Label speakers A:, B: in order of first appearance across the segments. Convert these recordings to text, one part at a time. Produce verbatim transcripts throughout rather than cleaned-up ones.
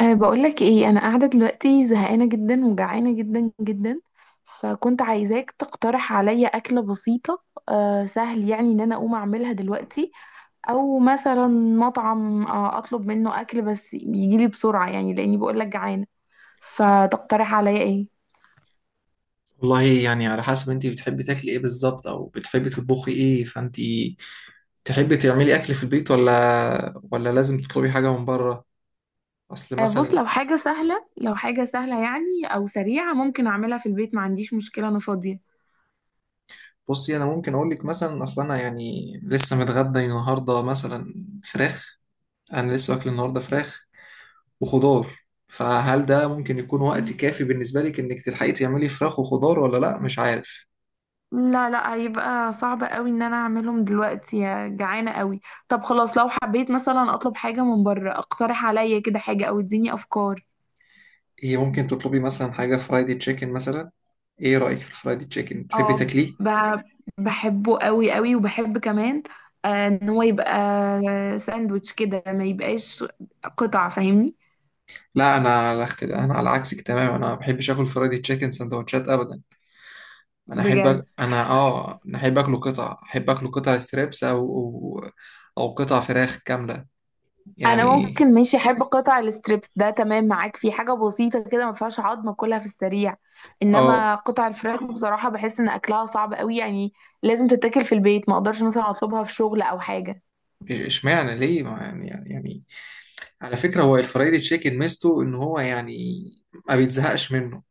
A: أه بقولك ايه، انا قاعده دلوقتي زهقانه جدا وجعانه جدا جدا. فكنت عايزاك تقترح عليا اكله بسيطه، أه سهل يعني ان انا اقوم اعملها دلوقتي، او مثلا مطعم، أه اطلب منه اكل بس يجيلي بسرعه، يعني لاني بقولك جعانه. فتقترح عليا ايه؟
B: والله يعني، على حسب انت بتحبي تاكلي ايه بالظبط، او بتحبي تطبخي ايه. فانت تحبي تعملي اكل في البيت ولا ولا لازم تطلبي حاجه من بره؟ اصل
A: أه بص،
B: مثلا.
A: لو حاجه سهله، لو حاجه سهله يعني او سريعه، ممكن اعملها في البيت، ما عنديش مشكله، انا فاضيه.
B: بصي، انا ممكن اقول لك مثلا. اصل انا يعني لسه متغدى النهارده، مثلا فراخ. انا لسه واكل النهارده فراخ وخضار. فهل ده ممكن يكون وقت كافي بالنسبه لك انك تلحقي تعملي فراخ وخضار ولا لا؟ مش عارف.
A: لا لا هيبقى صعب قوي ان انا اعملهم دلوقتي، يا جعانة قوي. طب خلاص، لو حبيت مثلا اطلب حاجة من بره، اقترح عليا كده حاجة او اديني افكار.
B: هي ممكن تطلبي مثلا حاجه، فرايدي تشيكن مثلا. ايه رايك في الفرايدي تشيكن، تحبي
A: اه،
B: تاكليه؟
A: ب- بحبه قوي قوي، وبحب كمان، آه، ان هو يبقى ساندوتش كده، ما يبقاش قطع، فاهمني؟
B: لا، انا على اخت... انا على عكسك تماما. انا ما بحبش اكل فرايدي تشيكن سندوتشات ابدا. انا احب
A: بجد،
B: أك... انا اه انا احب اكله قطع احب اكله قطع ستريبس او او, أو قطع فراخ كامله
A: انا
B: يعني.
A: ممكن ماشي احب قطع الستريبس ده، تمام معاك في حاجه بسيطه كده، ما فيهاش عظمه، كلها في السريع.
B: اه
A: انما قطع الفراخ بصراحه بحس ان اكلها صعب قوي يعني، لازم تتاكل في البيت، ما اقدرش مثلا اطلبها في شغل او حاجه.
B: إش- اشمعنى ليه؟ ما يعني يعني يعني على فكره، هو الفرايدي تشيكن ميزته ان هو يعني ما بيتزهقش منه.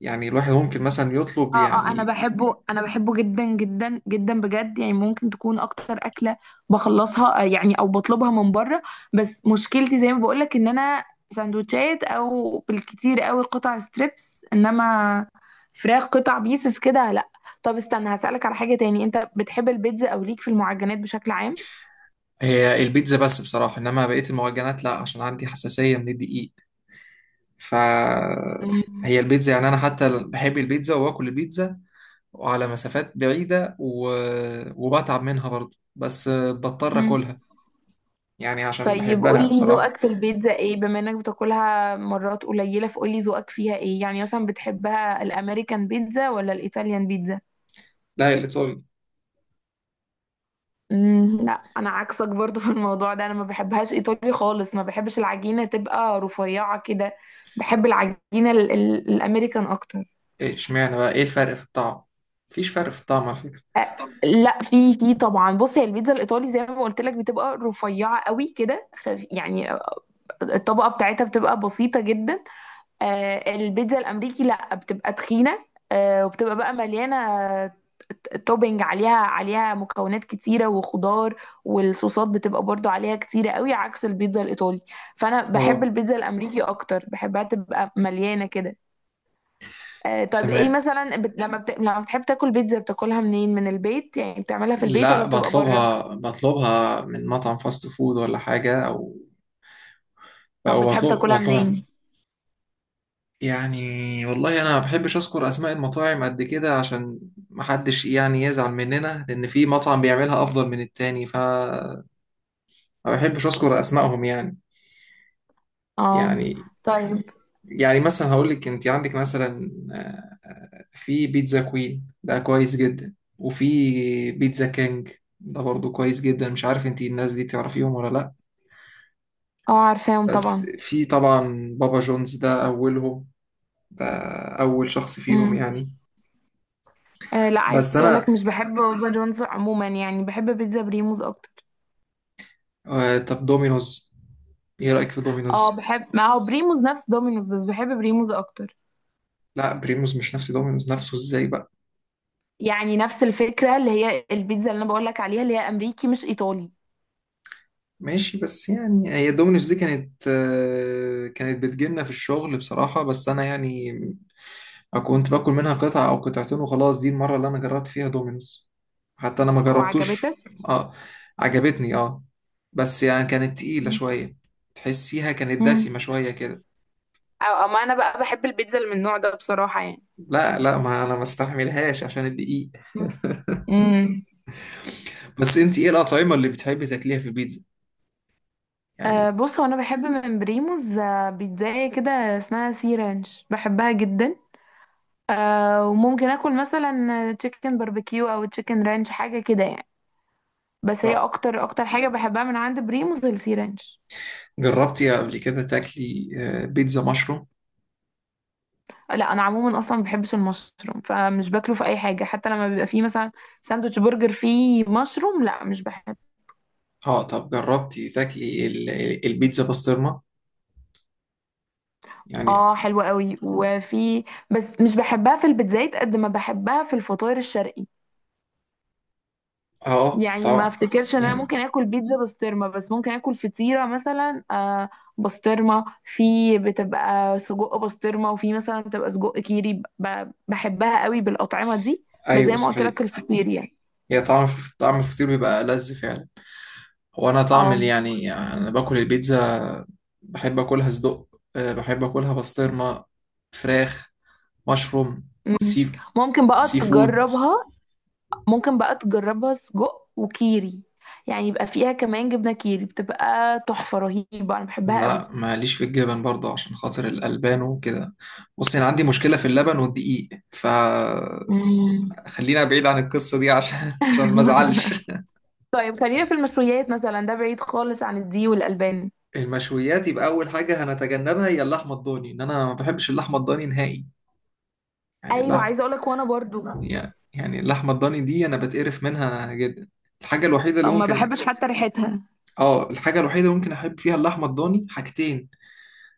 B: يعني الواحد ممكن مثلا يطلب
A: اه اه، انا
B: يعني.
A: بحبه، انا بحبه جدا جدا جدا بجد، يعني ممكن تكون اكتر اكله بخلصها، آه، يعني، او بطلبها من بره. بس مشكلتي زي ما بقولك، ان انا سندوتشات، او بالكتير قوي قطع ستريبس، انما فراخ قطع بيسز كده لا. طب استنى هسألك على حاجة تاني، انت بتحب البيتزا؟ او ليك في المعجنات بشكل عام؟
B: هي البيتزا بس بصراحه، انما بقيه المعجنات لا، عشان عندي حساسيه من الدقيق. فهي البيتزا، يعني انا حتى بحب البيتزا واكل البيتزا وعلى مسافات بعيدة و... وبتعب منها برضه، بس بضطر
A: مم.
B: اكلها يعني عشان
A: طيب
B: بحبها
A: قولي
B: بصراحة.
A: ذوقك في البيتزا ايه، بما انك بتاكلها مرات قليلة، فقولي ذوقك فيها ايه، يعني مثلا بتحبها الامريكان بيتزا ولا الايطاليان بيتزا؟
B: لا، اللي تقول
A: مم، لا. انا عكسك برضو في الموضوع ده، انا ما بحبهاش ايطالي خالص، ما بحبش العجينة تبقى رفيعة كده، بحب العجينة ال- ال- الامريكان اكتر.
B: ايه. اشمعنى بقى؟ ايه الفرق في الطعم؟ مفيش فرق في الطعم على فكرة.
A: لا، في في طبعا. بص، هي البيتزا الايطالي زي ما قلت لك بتبقى رفيعة قوي كده، خف- يعني الطبقة بتاعتها بتبقى بسيطة جدا. آه، البيتزا الامريكي لا، بتبقى تخينه، آه، وبتبقى بقى مليانه توبينج عليها، عليها مكونات كتيره وخضار، والصوصات بتبقى برضو عليها كتيره قوي، عكس البيتزا الايطالي. فانا بحب
B: اه،
A: البيتزا الامريكي اكتر، بحبها تبقى مليانه كده. آه، طب ايه
B: تمام.
A: مثلا، بت... لما بت... لما بتحب تاكل بيتزا بتاكلها منين؟ من البيت يعني، بتعملها في البيت، ولا
B: لا،
A: بتبقى بره؟
B: بطلبها بطلبها من مطعم فاست فود ولا حاجة، او.
A: طب
B: او
A: بتحب
B: بطلب
A: تاكلها
B: بطلبها
A: منين؟
B: يعني. والله، انا ما بحبش اذكر اسماء المطاعم قد كده، عشان ما حدش يعني يزعل مننا لان في مطعم بيعملها افضل من التاني. فما بحبش اذكر اسمائهم يعني
A: اه.
B: يعني
A: طيب.
B: يعني مثلا هقول لك، انت عندك مثلا آه، آه، في بيتزا كوين ده كويس جدا، وفي بيتزا كينج ده برضو كويس جدا. مش عارف انت الناس دي تعرفيهم ولا لا.
A: اه، عارفاهم
B: بس
A: طبعا.
B: في طبعا بابا جونز، ده اولهم، ده اول شخص فيهم يعني.
A: آه لا، عايزه
B: بس
A: اقول لك،
B: انا.
A: مش بحب بابا جونز عموما، يعني بحب بيتزا بريموز اكتر.
B: آه طب دومينوز، ايه رأيك في
A: اه
B: دومينوز؟
A: بحب، ما هو بريموز نفس دومينوز، بس بحب بريموز اكتر.
B: لا، بريموس مش نفس دومينوز، نفسه ازاي بقى؟
A: يعني نفس الفكره، اللي هي البيتزا اللي انا بقول لك عليها، اللي هي امريكي مش ايطالي.
B: ماشي، بس يعني هي دومينوز دي كانت آه، كانت بتجيلنا في الشغل بصراحة، بس انا يعني كنت باكل منها قطعة او قطعتين وخلاص. دي المرة اللي انا جربت فيها دومينوز، حتى انا ما جربتوش.
A: وعجبتك؟
B: اه، عجبتني اه. بس يعني كانت تقيلة
A: مم.
B: شوية، تحسيها كانت
A: مم.
B: دسمة شوية كده.
A: او اما انا بقى، بحب البيتزا اللي من النوع ده بصراحه يعني.
B: لا لا، ما انا ما استحملهاش عشان الدقيق.
A: مم. مم.
B: بس انت ايه الأطعمة اللي بتحبي تاكليها في البيتزا يعني؟
A: أه بص، هو انا بحب من بريموز، آه، بيتزاية كده اسمها سي رانش، بحبها جدا. أه وممكن اكل مثلا تشيكن باربيكيو، او تشيكن رانش، حاجه كده يعني. بس هي
B: اه،
A: اكتر اكتر حاجه بحبها من عند بريموز السي رانش.
B: جربتي قبل كده تاكلي آه، بيتزا مشروم؟
A: لا انا عموما اصلا ما بحبش المشروم، فمش باكله في اي حاجه، حتى لما بيبقى فيه مثلا ساندوتش برجر فيه مشروم، لا، مش بحب.
B: اه، طب جربتي تاكلي ال- ال- البيتزا بسطرمة يعني؟
A: اه حلوه قوي، وفي، بس مش بحبها في البيتزايت قد ما بحبها في الفطاير الشرقي.
B: اه
A: يعني ما
B: طبعا
A: افتكرش ان انا
B: يعني،
A: ممكن اكل بيتزا بسطرمه، بس ممكن اكل فطيره مثلا آه، بسطرمه، في بتبقى سجق بسطرمه، وفي مثلا بتبقى سجق كيري، ب- بحبها قوي بالاطعمه دي. بس
B: ايوه
A: زي ما قلت لك،
B: صحيح.
A: الفطير يعني.
B: هي طعم طعم الفطير بيبقى لذ فعلا. هو انا طعم
A: اه.
B: اللي يعني يعني انا باكل البيتزا، بحب اكلها صدق. آه، بحب اكلها بسطرمة، فراخ، مشروم،
A: مم.
B: سي
A: ممكن بقى
B: سي فود.
A: تجربها. ممكن بقى تجربها سجق وكيري، يعني يبقى فيها كمان جبنه كيري، بتبقى تحفه رهيبه، انا بحبها قوي.
B: لا ماليش في الجبن برضه عشان خاطر الألبان وكده. بص انا عندي مشكلة في اللبن والدقيق، ف
A: مم.
B: خلينا بعيد عن القصة دي عشان عشان ما ازعلش.
A: طيب خلينا في المشويات مثلا، ده بعيد خالص عن الدي والألبان.
B: المشويات يبقى أول حاجة هنتجنبها هي اللحمة الضاني، إن أنا ما بحبش اللحمة الضاني نهائي يعني،
A: ايوه
B: لا.
A: عايزه اقول لك، وانا برضو
B: يعني اللحمة الضاني دي أنا بتقرف منها جدا. الحاجة الوحيدة اللي
A: ما
B: ممكن
A: بحبش حتى ريحتها.
B: آه الحاجة الوحيدة اللي ممكن أحب فيها اللحمة الضاني حاجتين،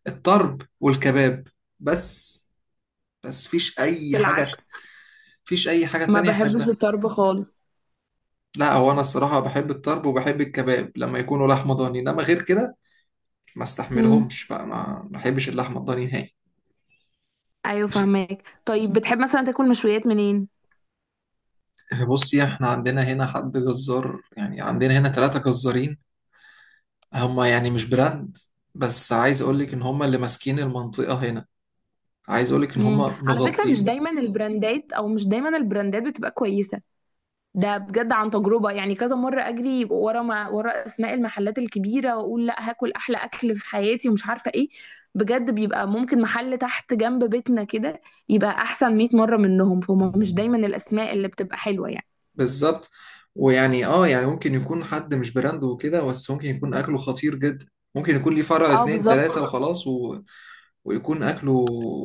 B: الطرب والكباب. بس بس فيش أي
A: بالعكس،
B: حاجة فيش أي حاجة
A: ما
B: تانية
A: بحبش
B: أحبها.
A: الطرب خالص.
B: لا، هو أنا الصراحة بحب الطرب وبحب الكباب لما يكونوا لحمة ضاني، إنما غير كده ما
A: امم.
B: استحملهمش بقى. ما ما بحبش اللحمة الضاني نهائي.
A: ايوه
B: ماشي.
A: فهماك. طيب بتحب مثلا تاكل مشويات منين؟
B: بصي، احنا عندنا هنا حد جزار، يعني عندنا هنا ثلاثة جزارين، هما يعني مش براند، بس عايز اقول لك ان هما اللي ماسكين المنطقة هنا. عايز اقول لك ان
A: امم،
B: هما
A: على فكره مش
B: مغطين.
A: دايما البراندات، او مش دايما البراندات بتبقى كويسه. ده بجد عن تجربه، يعني كذا مره اجري ورا ما ورا اسماء المحلات الكبيره، واقول لا هاكل احلى اكل في حياتي ومش عارفه ايه، بجد بيبقى ممكن محل تحت جنب بيتنا كده، يبقى احسن مية مره منهم. فهم مش دايما الاسماء اللي بتبقى حلوه يعني.
B: بالظبط. ويعني اه يعني ممكن يكون حد مش براند وكده، بس ممكن يكون اكله خطير جدا. ممكن يكون ليه فرع
A: اه
B: اتنين
A: بالظبط.
B: تلاتة وخلاص، و... ويكون اكله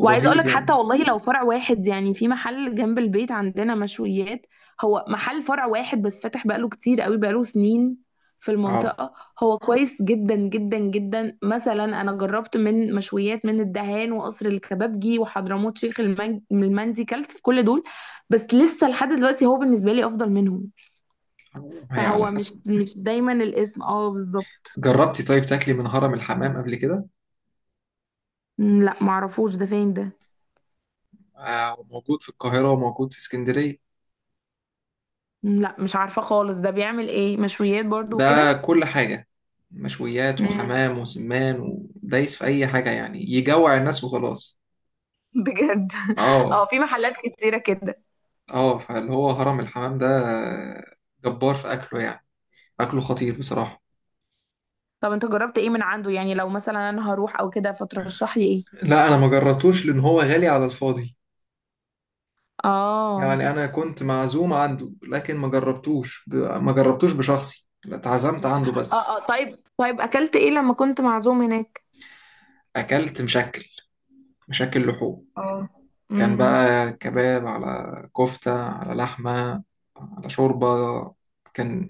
A: وعايزه اقول
B: رهيب
A: لك حتى
B: يعني.
A: والله، لو فرع واحد يعني، في محل جنب البيت عندنا مشويات، هو محل فرع واحد بس، فاتح بقاله كتير قوي، بقاله سنين في
B: اه،
A: المنطقه، هو كويس جدا جدا جدا. مثلا انا جربت من مشويات، من الدهان، وقصر الكبابجي، وحضرموت شيخ المن- المندي، كلت في كل دول، بس لسه لحد دلوقتي هو بالنسبه لي افضل منهم.
B: هي على
A: فهو مش
B: حسب.
A: مش دايما الاسم، اه بالظبط.
B: جربتي طيب تاكلي من هرم الحمام قبل كده؟
A: مم، لا معرفوش، ده فين ده؟
B: آه، وموجود في القاهرة وموجود في اسكندرية.
A: مم، لا مش عارفه خالص، ده بيعمل ايه، مشويات برضو؟
B: ده كل حاجة، مشويات
A: وكده؟
B: وحمام وسمان ودايس في أي حاجة، يعني يجوع الناس وخلاص.
A: بجد؟
B: اه
A: اه في محلات كتيرة كده.
B: اه، فاللي هو هرم الحمام ده جبار في أكله يعني، أكله خطير بصراحة.
A: طب انت جربت ايه من عنده يعني، لو مثلا انا هروح او كده، فترشح لي ايه؟
B: لا، أنا ما جربتوش لأن هو غالي على الفاضي.
A: اه.
B: يعني أنا كنت معزوم عنده، لكن ما جربتوش ب... ما جربتوش بشخصي، لا، اتعزمت عنده
A: اه.
B: بس.
A: اه طيب، طيب اكلت ايه لما كنت معزوم هناك؟
B: أكلت مشكل مشكل لحوم.
A: اه.
B: كان
A: امم.
B: بقى كباب على كفتة على لحمة على شوربة، كان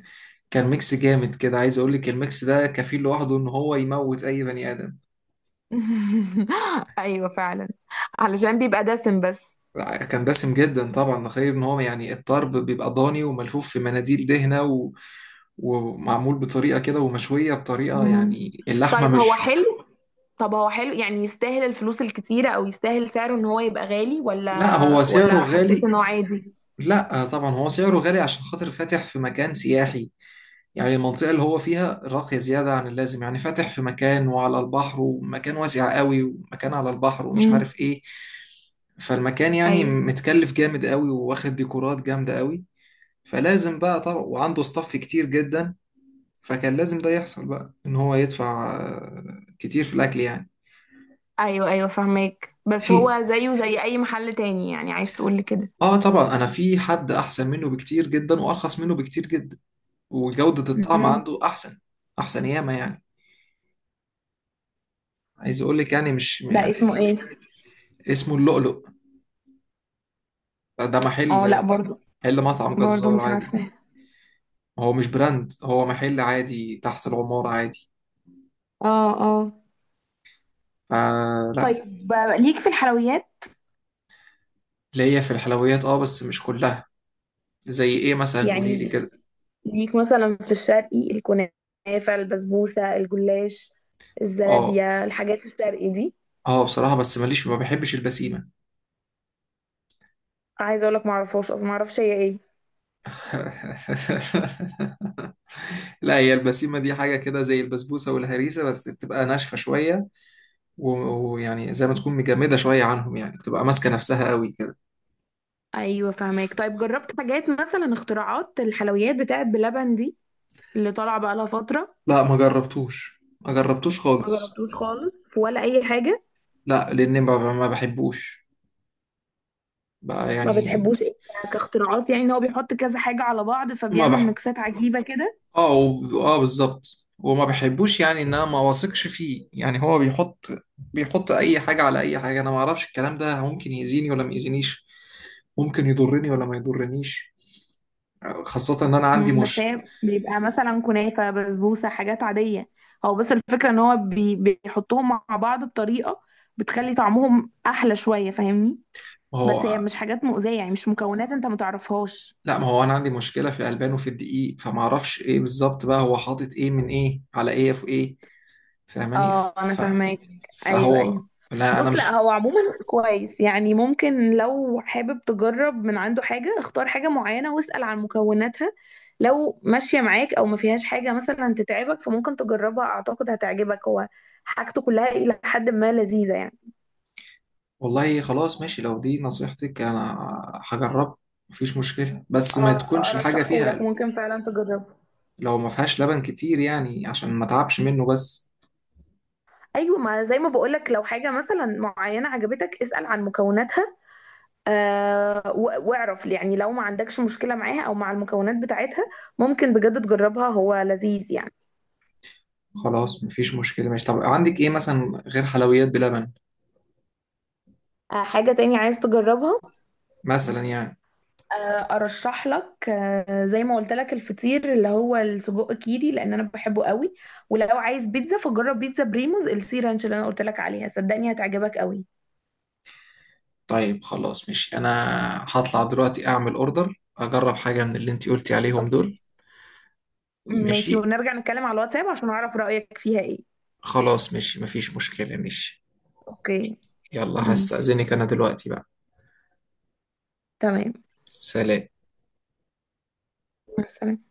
B: كان ميكس جامد كده. عايز اقول لك الميكس ده كفيل لوحده ان هو يموت اي بني ادم.
A: ايوه فعلا، علشان بيبقى دسم بس.
B: كان دسم جدا طبعا، غير ان هو يعني الطرب بيبقى ضاني وملفوف في مناديل دهنة و... ومعمول بطريقة كده ومشوية بطريقة
A: مم.
B: يعني. اللحمة
A: طيب هو
B: مش.
A: حلو؟ طب هو حلو يعني، يستاهل الفلوس الكتيرة، او يستاهل سعره ان هو يبقى غالي،
B: لا،
A: ولا
B: هو سعره
A: ولا حسيت
B: غالي.
A: ان هو عادي؟
B: لا طبعا، هو سعره غالي عشان خاطر فاتح في مكان سياحي. يعني المنطقة اللي هو فيها راقية زيادة عن اللازم، يعني فاتح في مكان وعلى البحر، ومكان واسع قوي، ومكان على البحر، ومش
A: امم.
B: عارف ايه. فالمكان يعني
A: ايوه
B: متكلف جامد قوي، واخد ديكورات جامدة قوي. فلازم بقى طبعا، وعنده ستاف كتير جدا، فكان لازم ده يحصل بقى ان هو يدفع آه، كتير في الاكل يعني.
A: ايوه. ايوه فهماك، بس
B: في
A: هو زيه زي اي محل تاني، يعني عايز تقول لي كده؟
B: اه طبعا، انا في حد احسن منه بكتير جدا وارخص منه بكتير جدا، وجودة الطعم
A: امم.
B: عنده احسن، احسن ياما يعني. عايز اقول لك يعني، مش
A: ده اسمه
B: يعني.
A: ايه؟
B: اسمه اللؤلؤ. ده
A: اه لا
B: محل
A: برضو.
B: محل مطعم
A: برضو
B: جزار
A: مش
B: عادي.
A: عارفه.
B: هو مش براند، هو محل عادي تحت العمارة عادي.
A: اه اه.
B: فلا.
A: طيب، آه، ليك في الحلويات؟
B: ليا في الحلويات اه، بس مش كلها. زي ايه مثلا؟ قولي لي
A: يعني
B: كده.
A: ليك مثلا في الشرقي، الكنافه، البسبوسه، الجلاش،
B: اه
A: الزلابيه، الحاجات الشرقي دي.
B: اه بصراحة، بس ماليش، ما بحبش البسيمة.
A: عايزه اقول لك ما اعرفهاش اصلا، ما اعرفش هي ايه.
B: لا، هي البسيمة دي حاجة كده زي البسبوسة والهريسة، بس بتبقى ناشفة شوية، و- ويعني زي ما تكون مجمدة شوية عنهم، يعني بتبقى ماسكة نفسها قوي كده.
A: ايوه فهماك. طيب جربت حاجات مثلا اختراعات الحلويات بتاعت بلبن دي، اللي طالعه بقى لها فتره؟
B: لا، ما جربتوش ما جربتوش
A: ما
B: خالص.
A: جربتوش خالص، ولا اي حاجه؟
B: لا لأن ما ما بحبوش بقى
A: ما
B: يعني.
A: بتحبوش ايه، ك- كاختراعات يعني، ان هو بيحط كذا حاجة على بعض
B: ما
A: فبيعمل
B: بح
A: ميكسات عجيبة كده؟
B: اه و... اه بالظبط، وما بحبوش يعني، ان انا ما واثقش فيه. يعني هو بيحط بيحط اي حاجه على اي حاجه. انا ما اعرفش الكلام ده ممكن يأذيني ولا ما يأذينيش، ممكن يضرني ولا ما يضرنيش. خاصه ان انا عندي
A: مم، بس
B: مش.
A: هي بيبقى مثلا كنافة، بسبوسة، حاجات عادية، هو بس الفكرة ان هو بي، بيحطهم مع بعض بطريقة بتخلي طعمهم احلى شوية، فاهمني؟
B: ما
A: بس هي
B: هو
A: مش حاجات مؤذية يعني، مش مكونات انت متعرفهاش.
B: لا، ما هو انا عندي مشكله في الالبان وفي الدقيق. فما اعرفش ايه بالظبط بقى، هو حاطط ايه من ايه على ايه في ايه، فاهماني
A: اه انا
B: ف...
A: فاهماك. ايوه ايوه.
B: فهو. لا
A: بص
B: انا
A: لا،
B: مش.
A: هو عموما كويس يعني، ممكن لو حابب تجرب من عنده حاجة، اختار حاجة معينة واسأل عن مكوناتها، لو ماشية معاك او ما فيهاش حاجة مثلا تتعبك، فممكن تجربها، اعتقد هتعجبك، هو حاجته كلها الى حد ما لذيذة يعني.
B: والله خلاص ماشي، لو دي نصيحتك انا هجرب. مفيش مشكلة، بس ما
A: اه
B: تكونش الحاجة
A: ارشحه لك،
B: فيها،
A: ممكن فعلا تجربه.
B: لو ما فيهاش لبن كتير يعني عشان ما تعبش منه بس.
A: ايوه، ما زي ما بقولك، لو حاجة مثلا معينة عجبتك اسأل عن مكوناتها، آه و- واعرف يعني لو ما عندكش مشكلة معاها، او مع المكونات بتاعتها، ممكن بجد تجربها، هو لذيذ يعني.
B: خلاص مفيش مشكلة ماشي. طب عندك ايه مثلا غير حلويات بلبن؟
A: آه حاجة تاني عايز تجربها؟
B: مثلا يعني.
A: آه ارشح لك، آه زي ما قلت لك، الفطير اللي هو السجق كيري، لان انا بحبه قوي. ولو عايز بيتزا، فجرب بيتزا بريموز السي رانش، اللي انا قلت لك عليها، صدقني هتعجبك قوي.
B: طيب خلاص ماشي، انا هطلع دلوقتي اعمل اوردر، اجرب حاجة من اللي انتي قلتي عليهم
A: اوكي.
B: دول.
A: ماشي،
B: ماشي،
A: ونرجع نتكلم على الواتساب عشان اعرف رأيك فيها ايه.
B: خلاص ماشي، مفيش مشكلة ماشي.
A: اوكي.
B: يلا،
A: ماشي.
B: هستأذنك انا دلوقتي بقى.
A: تمام.
B: سلام.
A: مع السلامة.